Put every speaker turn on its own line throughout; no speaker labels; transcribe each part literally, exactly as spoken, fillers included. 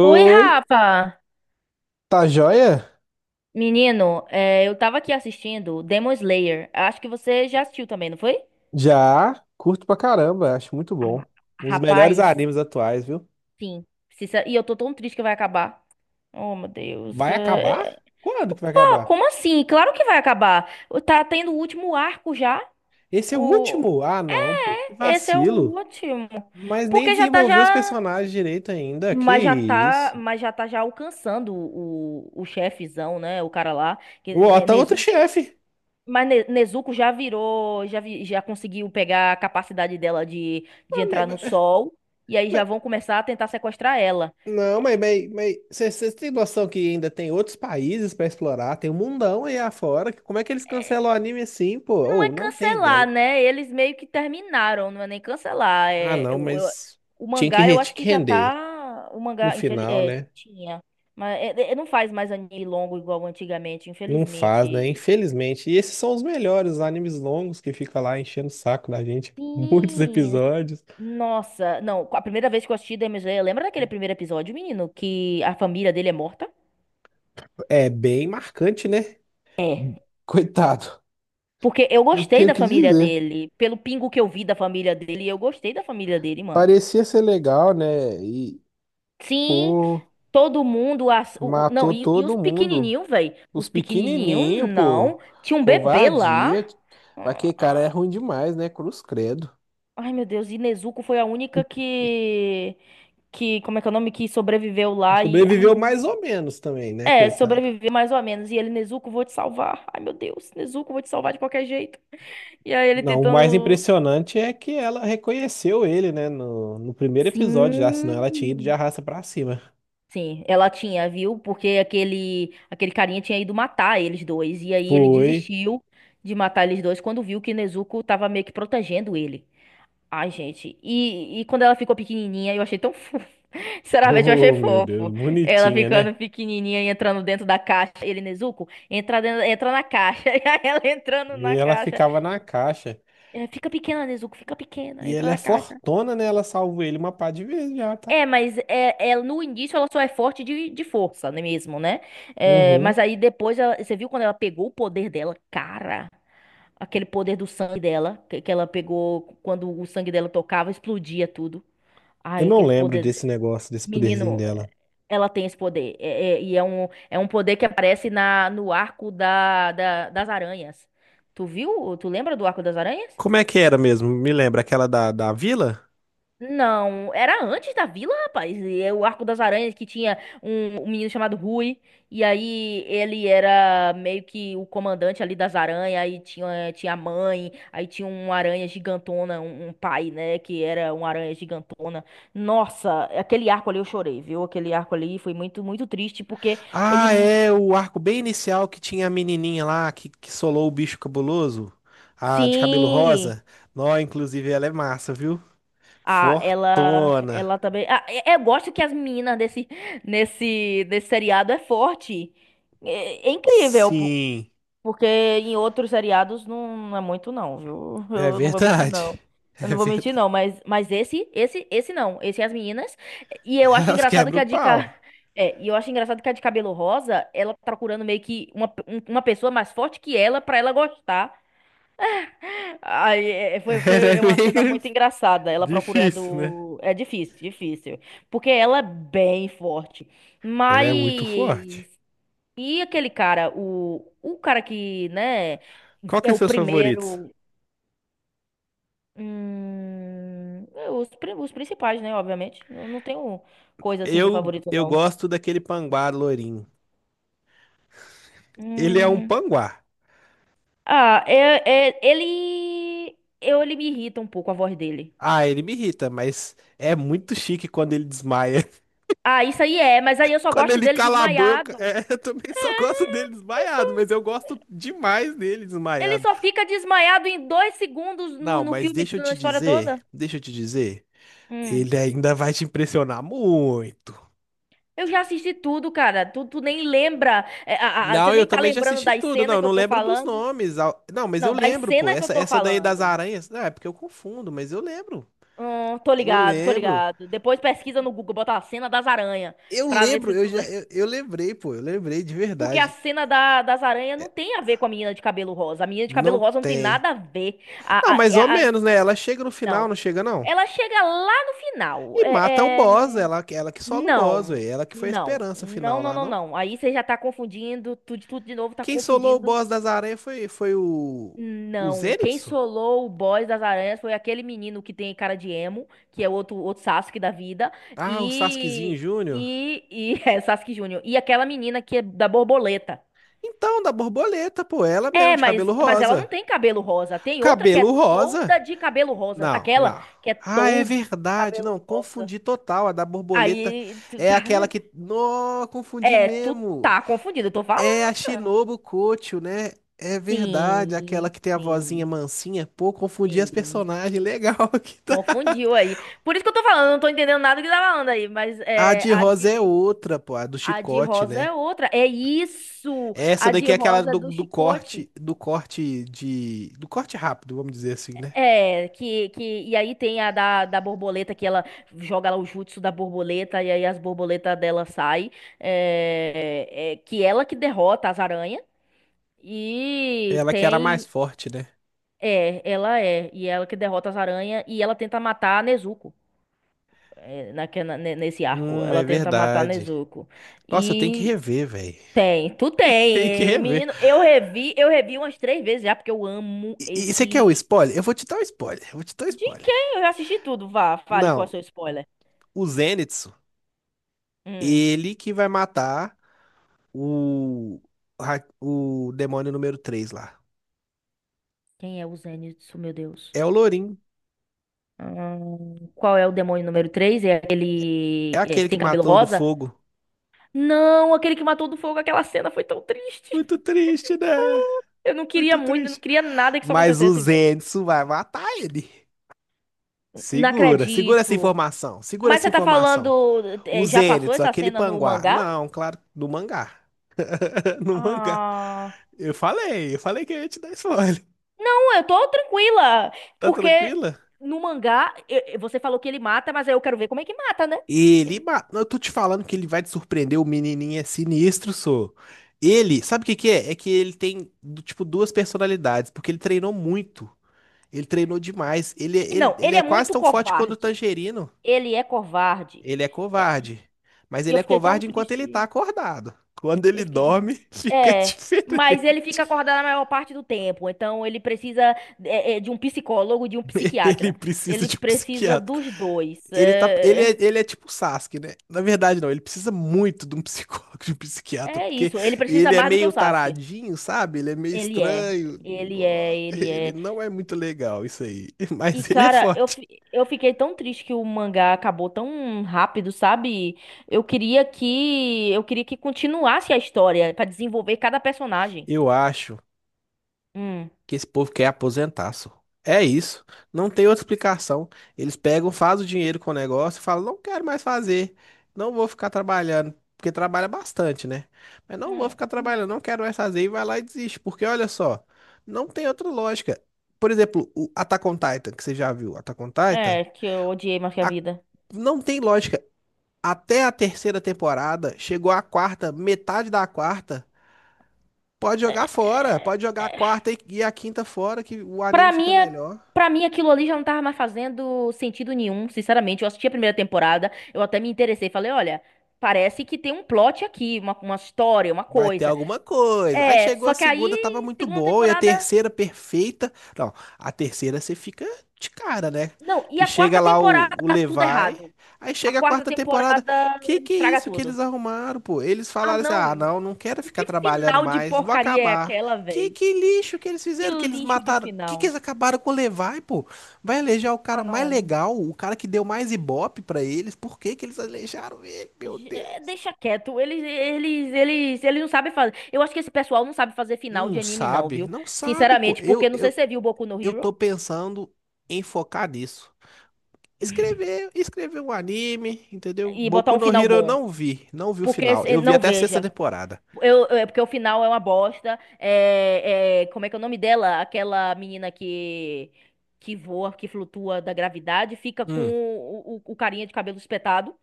Oi, Rafa!
tá joia?
Menino, é, eu tava aqui assistindo Demon Slayer. Acho que você já assistiu também, não foi?
Já, curto pra caramba, acho muito
Ah,
bom. Um dos melhores
Rapaz,
animes atuais, viu?
sim. Sincer- E eu tô tão triste que vai acabar. Oh, meu Deus.
Vai
É,
acabar? Quando que vai
pá.
acabar?
Como assim? Claro que vai acabar. Tá tendo o último arco já.
Esse é o
O...
último? Ah, não, pô, que
Esse é o
vacilo.
último.
Mas nem
Porque já tá
desenvolveu os
já.
personagens direito ainda, que
Mas já tá,
isso.
mas já tá já alcançando o, o chefezão, né? O cara lá, que...
O Ota é outro chefe.
Mas Ne- Nezuko já virou, já, vi- já conseguiu pegar a capacidade dela de, de
Ah, Mas-
entrar no
mas-
sol. E aí já
mas-
vão começar a tentar sequestrar ela.
Não, mas vocês têm noção que ainda tem outros países pra explorar? Tem um mundão aí afora. Como é que eles cancelam o anime assim, pô?
Não
Ou
é
não tem
cancelar,
ideia.
né? Eles meio que terminaram, não é nem cancelar.
Ah,
É,
não,
eu- eu-
mas
o
tinha que,
mangá
re-
eu acho
tinha que
que já
render.
tá. O
No
mangá, infeliz,
final,
é,
né?
tinha. Mas é- é- não faz mais anime longo igual antigamente,
Não faz, né?
infelizmente.
Infelizmente. E esses são os melhores, os animes longos que fica lá enchendo o saco da gente. Muitos
Sim.
episódios.
Nossa, não, a primeira vez que eu assisti Demon Slayer, lembra daquele primeiro episódio, menino, que a família dele é morta?
É bem marcante, né? Coitado.
Porque eu
Não
gostei
tenho o
da
que
família
dizer.
dele. Pelo pingo que eu vi da família dele, eu gostei da família dele, mano.
Parecia ser legal, né? E,
Sim,
pô,
todo mundo. As- o- o- não,
matou
e, e os
todo mundo.
pequenininhos, velho?
Os
Os pequenininhos,
pequenininhos, pô.
não. Tinha um bebê lá.
Covardia. Mas que cara é
Ah,
ruim demais, né? Cruz credo.
ai, meu Deus, e Nezuko foi a única que. Que, como é que é o nome? Que sobreviveu lá e.
Sobreviveu
Ai,
mais ou menos também, né?
é,
Coitado.
sobreviveu mais ou menos. E ele, Nezuko, vou te salvar. Ai, meu Deus, Nezuko, vou te salvar de qualquer jeito. E aí ele
Não, o mais
tentando.
impressionante é que ela reconheceu ele, né, no, no primeiro episódio já, senão ela tinha ido de
Sim.
arrasta pra cima.
Sim, ela tinha, viu? Porque aquele aquele carinha tinha ido matar eles dois. E aí ele
Foi.
desistiu de matar eles dois quando viu que Nezuko tava meio que protegendo ele. Ai, gente. E, e quando ela ficou pequenininha, eu achei tão fofo. Sinceramente, eu achei
Oh, meu Deus,
fofo. Ela
bonitinha,
ficando
né?
pequenininha e entrando dentro da caixa. Ele, Nezuko, entra, dentro, entra na caixa. E aí ela entrando
E
na
ela
caixa.
ficava na caixa.
É, fica pequena, Nezuko, fica pequena.
E
Entra
ela é
na caixa.
fortona, né? Ela salvou ele uma pá de vezes já, tá?
É, mas é, é- no início ela só é forte de, de força, né mesmo, né? É, mas
Uhum.
aí depois, ela- você viu quando ela pegou o poder dela? Cara, aquele poder do sangue dela, que, que ela pegou quando o sangue dela tocava, explodia tudo.
Eu
Ai,
não
aquele
lembro
poder.
desse negócio, desse poderzinho
Menino, é,
dela.
ela tem esse poder. É- é- e é um, é um poder que aparece na, no arco da, da- das aranhas. Tu viu? Tu lembra do arco das aranhas?
Como é que era mesmo? Me lembra aquela da, da vila?
Não, era antes da vila, rapaz. E é O Arco das Aranhas que tinha um, um menino chamado Rui. E aí ele era meio que o comandante ali das aranhas. Aí tinha, tinha a mãe. Aí tinha uma aranha gigantona, um, um pai, né? Que era uma aranha gigantona. Nossa, aquele arco ali eu chorei, viu? Aquele arco ali foi muito, muito triste porque ele.
Ah, é o arco bem inicial que tinha a menininha lá que, que solou o bicho cabuloso, a de cabelo
Sim.
rosa. Nó, inclusive, ela é massa, viu?
Ah, ela,
Fortona.
ela também. Ah, eu eu gosto que as meninas desse, nesse, nesse seriado é forte. É, é incrível, po-
Sim,
porque em outros seriados não, não, é muito não, viu?
é
Eu não vou mentir
verdade.
não. Eu
É
não vou mentir
verdade.
não, mas, mas esse, esse, esse não. Esse é as meninas. E eu acho
Elas
engraçado
quebram
que
o
a dica
pau.
é, e eu acho engraçado que a de cabelo rosa, ela tá procurando meio que uma, um- uma pessoa mais forte que ela pra ela gostar. Aí é, é, foi,
Ela é
foi uma cena
meio
muito engraçada, ela
difícil, né?
procurando. É difícil, difícil. Porque ela é bem forte.
Ela é muito forte.
Mas. E aquele cara, o, o cara que, né,
Qual que
é
é
o
seus favoritos?
primeiro. Hum, é, os, pri- os principais, né, obviamente. Não, não tenho coisa assim de
Eu,
favorito,
eu
não.
gosto daquele panguá loirinho. Ele é um
Hum,
panguá.
ah, é, é- ele. Eu, ele me irrita um pouco a voz dele.
Ah, ele me irrita, mas é muito chique quando ele desmaia.
Ah, isso aí é, mas aí eu só
Quando
gosto
ele
dele
cala a boca,
desmaiado.
é, eu também só gosto dele
É isso.
desmaiado, mas eu gosto demais dele
Ele
desmaiado.
só fica desmaiado em dois segundos no,
Não,
no
mas
filme,
deixa eu
na
te
história
dizer,
toda.
deixa eu te dizer,
Hum.
ele ainda vai te impressionar muito.
Eu já assisti tudo, cara. Tu, tu nem lembra. é, a- a- você
Não, eu
nem tá
também já
lembrando
assisti
das
tudo, não,
cenas
eu
que
não
eu tô
lembro dos
falando.
nomes. Al- Não, mas eu
Não, das
lembro, pô,
cenas que eu
essa,
tô
essa daí das
falando.
aranhas, não, é porque eu confundo, mas eu lembro,
Hum, tô
eu
ligado, tô
lembro,
ligado. Depois pesquisa no Google, bota a cena das aranhas
eu
pra ver
lembro,
se
eu
tu
já, eu,
lembra.
eu lembrei, pô, eu lembrei de
Porque a
verdade.
cena da- das aranhas não tem a ver com a menina de cabelo rosa. A menina de cabelo
Não
rosa não tem
tem.
nada a ver.
Não,
A, a,
mais ou
a- a-
menos, né? Ela chega no final,
não.
não chega, não?
Ela chega lá no final.
E mata o
É,
boss,
é,
ela, ela que sola o boss,
Não,
velho. Ela que foi a
não,
esperança
não,
final
não,
lá,
não,
não?
não. Aí você já tá confundindo, tudo, tudo de novo tá
Quem solou o
confundindo.
boss das aranhas foi, foi o, o
Não, quem
Zenitsu?
solou o boss das aranhas foi aquele menino que tem cara de emo, que é outro, outro Sasuke da vida,
Ah, o Sasukezinho
e,
Júnior.
e, e é Sasuke Júnior, e aquela menina que é da borboleta.
Então, da borboleta, pô, ela mesmo,
É,
de cabelo
mas, mas ela
rosa.
não tem cabelo rosa, tem outra que
Cabelo
é
rosa?
toda de cabelo rosa,
Não,
aquela
não.
que é
Ah, é
toda de
verdade. Não,
cabelo rosa.
confundi total. A da borboleta
Aí, tu
é
tá...
aquela que. Não confundi
É, tu
mesmo.
tá confundido, eu tô falando.
É a Shinobu Kocho, né? É verdade, aquela
Sim,
que tem a vozinha
sim,
mansinha. Pô, confundi as
sim.
personagens. Legal que tá.
Confundiu aí. Por isso que eu tô falando, eu não tô entendendo nada do que tá falando aí, mas
A
é,
de
a
rosa é
de,
outra, pô, a do
a de
chicote,
rosa
né?
é outra. É isso!
Essa
A de
daqui é aquela
rosa é
do,
do
do
chicote.
corte, do corte de, do corte rápido, vamos dizer assim, né?
É, que, que, e aí tem a da, da borboleta, que ela joga lá o jutsu da borboleta, e aí as borboletas dela saem. É, é, que ela que derrota as aranhas. E
Ela que era a mais
tem.
forte, né?
É, ela é. E ela que derrota as aranhas. E ela tenta matar a Nezuko. é, naque- na- ne- nesse arco.
Hum, é
Ela tenta matar
verdade.
Nezuko.
Nossa, eu tenho que
E
rever, velho.
tem, tu
Tem que
tem. eh,
rever.
Menino, eu revi, eu revi umas três vezes já, porque eu amo
E, e você quer o
esse.
spoiler? Eu vou te dar um spoiler. Eu vou te dar um
De
spoiler.
quem? Eu já assisti tudo. Vá, fale qual é o
Não,
seu spoiler.
o Zenitsu,
Hum,
ele que vai matar. o, ra- o demônio número três lá.
Quem é o Zenitsu, meu Deus?
É o Lourinho.
Hum, qual é o demônio número três? É
É
aquele, é,
aquele
que
que
tem cabelo
matou o do
rosa?
fogo.
Não, aquele que matou do fogo. Aquela cena foi tão triste.
Muito triste, né?
Eu não queria
Muito
muito, eu não
triste.
queria nada que isso
Mas o
acontecesse, velho.
Zenitsu vai matar ele.
Não
Segura, segura essa
acredito.
informação. Segura
Mas
essa
você tá
informação.
falando,
O
eh, já passou
Zenitsu,
essa
aquele
cena no
panguá.
mangá?
Não, claro, no mangá. No mangá.
Ah,
Eu falei, eu falei que eu ia te dar spoiler.
não, eu tô tranquila,
Tá
porque
tranquila?
no mangá eh, eh, você falou que ele mata, mas aí eu quero ver como é que mata, né?
Ele, ma- eu tô te falando que ele vai te surpreender, o menininho é sinistro, sou. Ele, sabe o que que é? É que ele tem, do- tipo, duas personalidades, porque ele treinou muito. Ele treinou demais. Ele,
E-
ele,
não,
ele
ele
é
é
quase
muito
tão forte quanto o
covarde.
Tangerino.
Ele é covarde.
Ele é
É,
covarde. Mas
e
ele
eu
é
fiquei tão
covarde enquanto ele tá
triste.
acordado. Quando
Eu
ele
fiquei...
dorme, fica
É, mas
diferente.
ele fica acordado a maior parte do tempo, então ele precisa eh, eh, de um psicólogo e de um
Ele
psiquiatra.
precisa
Ele
de um
precisa
psiquiatra.
dos dois.
Ele tá, ele é,
É,
ele é tipo o Sasuke, né? Na verdade, não, ele precisa muito de um psicólogo, de um psiquiatra,
é
porque
isso, ele precisa
ele é
mais do que
meio
o Sasuke.
taradinho, sabe? Ele é meio
Ele é,
estranho.
ele
Nó,
é, ele
ele
é.
não é muito legal, isso aí.
E
Mas ele é
cara, eu,
forte.
fi- eu fiquei tão triste que o mangá acabou tão rápido, sabe? Eu queria que eu queria que continuasse a história pra desenvolver cada personagem.
Eu acho
Hum.
que esse povo quer aposentar, só. É isso. Não tem outra explicação. Eles pegam, fazem o dinheiro com o negócio e falam, não quero mais fazer. Não vou ficar trabalhando. Porque trabalha bastante, né? Mas não vou ficar
Hum.
trabalhando, não quero mais fazer. E vai lá e desiste. Porque olha só, não tem outra lógica. Por exemplo, o Attack on Titan, que você já viu, Attack on Titan,
É, que eu odiei mais que a
a-
vida.
não tem lógica. Até a terceira temporada, chegou a quarta, metade da quarta. Pode jogar fora,
É,
pode jogar a quarta e e a quinta fora, que o anime
pra
fica
mim, é-
melhor.
pra mim aquilo ali já não tava mais fazendo sentido nenhum, sinceramente. Eu assisti a primeira temporada, eu até me interessei, falei, olha, parece que tem um plot aqui, uma, uma história, uma
Vai ter
coisa.
alguma coisa. Aí
É,
chegou a
só que
segunda, tava
aí,
muito
segunda
bom, e a
temporada.
terceira perfeita. Não, a terceira você fica de cara, né?
Não, e
Que
a
chega
quarta
lá o,
temporada
o
dá tudo
Levi.
errado.
Aí
A
chega a
quarta
quarta temporada.
temporada
Que que é
estraga
isso que eles
tudo.
arrumaram, pô? Eles
Ah,
falaram assim:
não.
"Ah, não, não quero
E
ficar
que
trabalhando
final de
mais, vou
porcaria é
acabar".
aquela,
Que
véi?
que lixo que eles
Que
fizeram, que eles
lixo de
mataram. Que
final.
que eles acabaram com o Levi, pô? Vai alejar o cara
Ah,
mais
não.
legal, o cara que deu mais ibope pra eles. Por que que eles aleijaram ele? Meu
Ge- é,
Deus.
Deixa quieto. Eles, eles, eles, eles não sabem fazer. Eu acho que esse pessoal não sabe fazer final de
Não
anime, não,
sabe,
viu?
não sabe, pô.
Sinceramente, porque
Eu,
não sei
eu,
se você viu Boku no
eu
Hero
tô pensando em focar nisso. Escrever, escrever um anime, entendeu?
e botar
Boku
um
no
final
Hero eu
bom.
não vi, não vi o
Porque
final.
se-
Eu vi
não
até a sexta
veja.
temporada.
Eu, é porque o final é uma bosta. É, é, como é que é o nome dela? Aquela menina que que voa, que flutua da gravidade, fica com
Hum,
o, o- o carinha de cabelo espetado,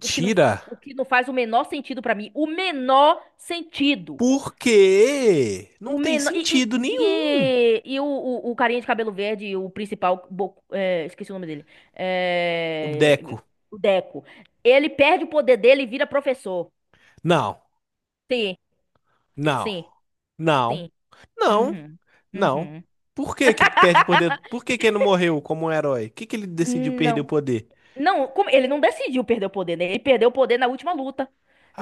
o que não, o que não, faz o menor sentido pra mim. O menor sentido.
Porque não
O
tem
menor e,
sentido
e,
nenhum
e, e o, o, o carinha de cabelo verde, o principal, Bo- é, esqueci o nome dele.
o
É,
Deco.
o Deco. Ele perde o poder dele e vira professor.
Não,
Sim,
não,
sim,
não,
sim.
não,
Uhum.
não.
Uhum.
Por que que perde o poder? Por que que ele não morreu como um herói? O que que ele decidiu perder o
Não.
poder?
Não, como- ele não decidiu perder o poder, né? Ele perdeu o poder na última luta.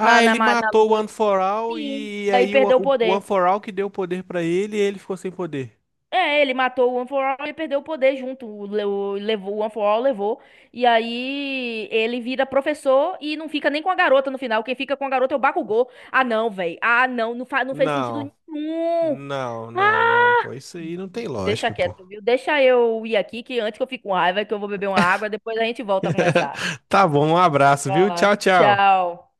Na, na,
ele
ma- na,
matou o One
lu-
for All
Sim.
e
E aí
aí o,
perdeu o
o One
poder.
for All que deu o poder pra ele e ele ficou sem poder.
É, ele matou o One For All e perdeu o poder junto. O, le- o- levou, o One For All levou. E aí ele vira professor e não fica nem com a garota no final. Quem fica com a garota é o Bakugou. Ah, não, velho. Ah, não. Não, fa não fez sentido
Não,
nenhum.
não, não,
Ah,
não. Pô, isso aí não tem
deixa
lógica, pô.
quieto, viu? Deixa eu ir aqui, que antes que eu fique com raiva, é que eu vou beber uma água, depois a gente volta a conversar.
Tá bom, um abraço,
Vai
viu?
lá.
Tchau, tchau.
Tchau.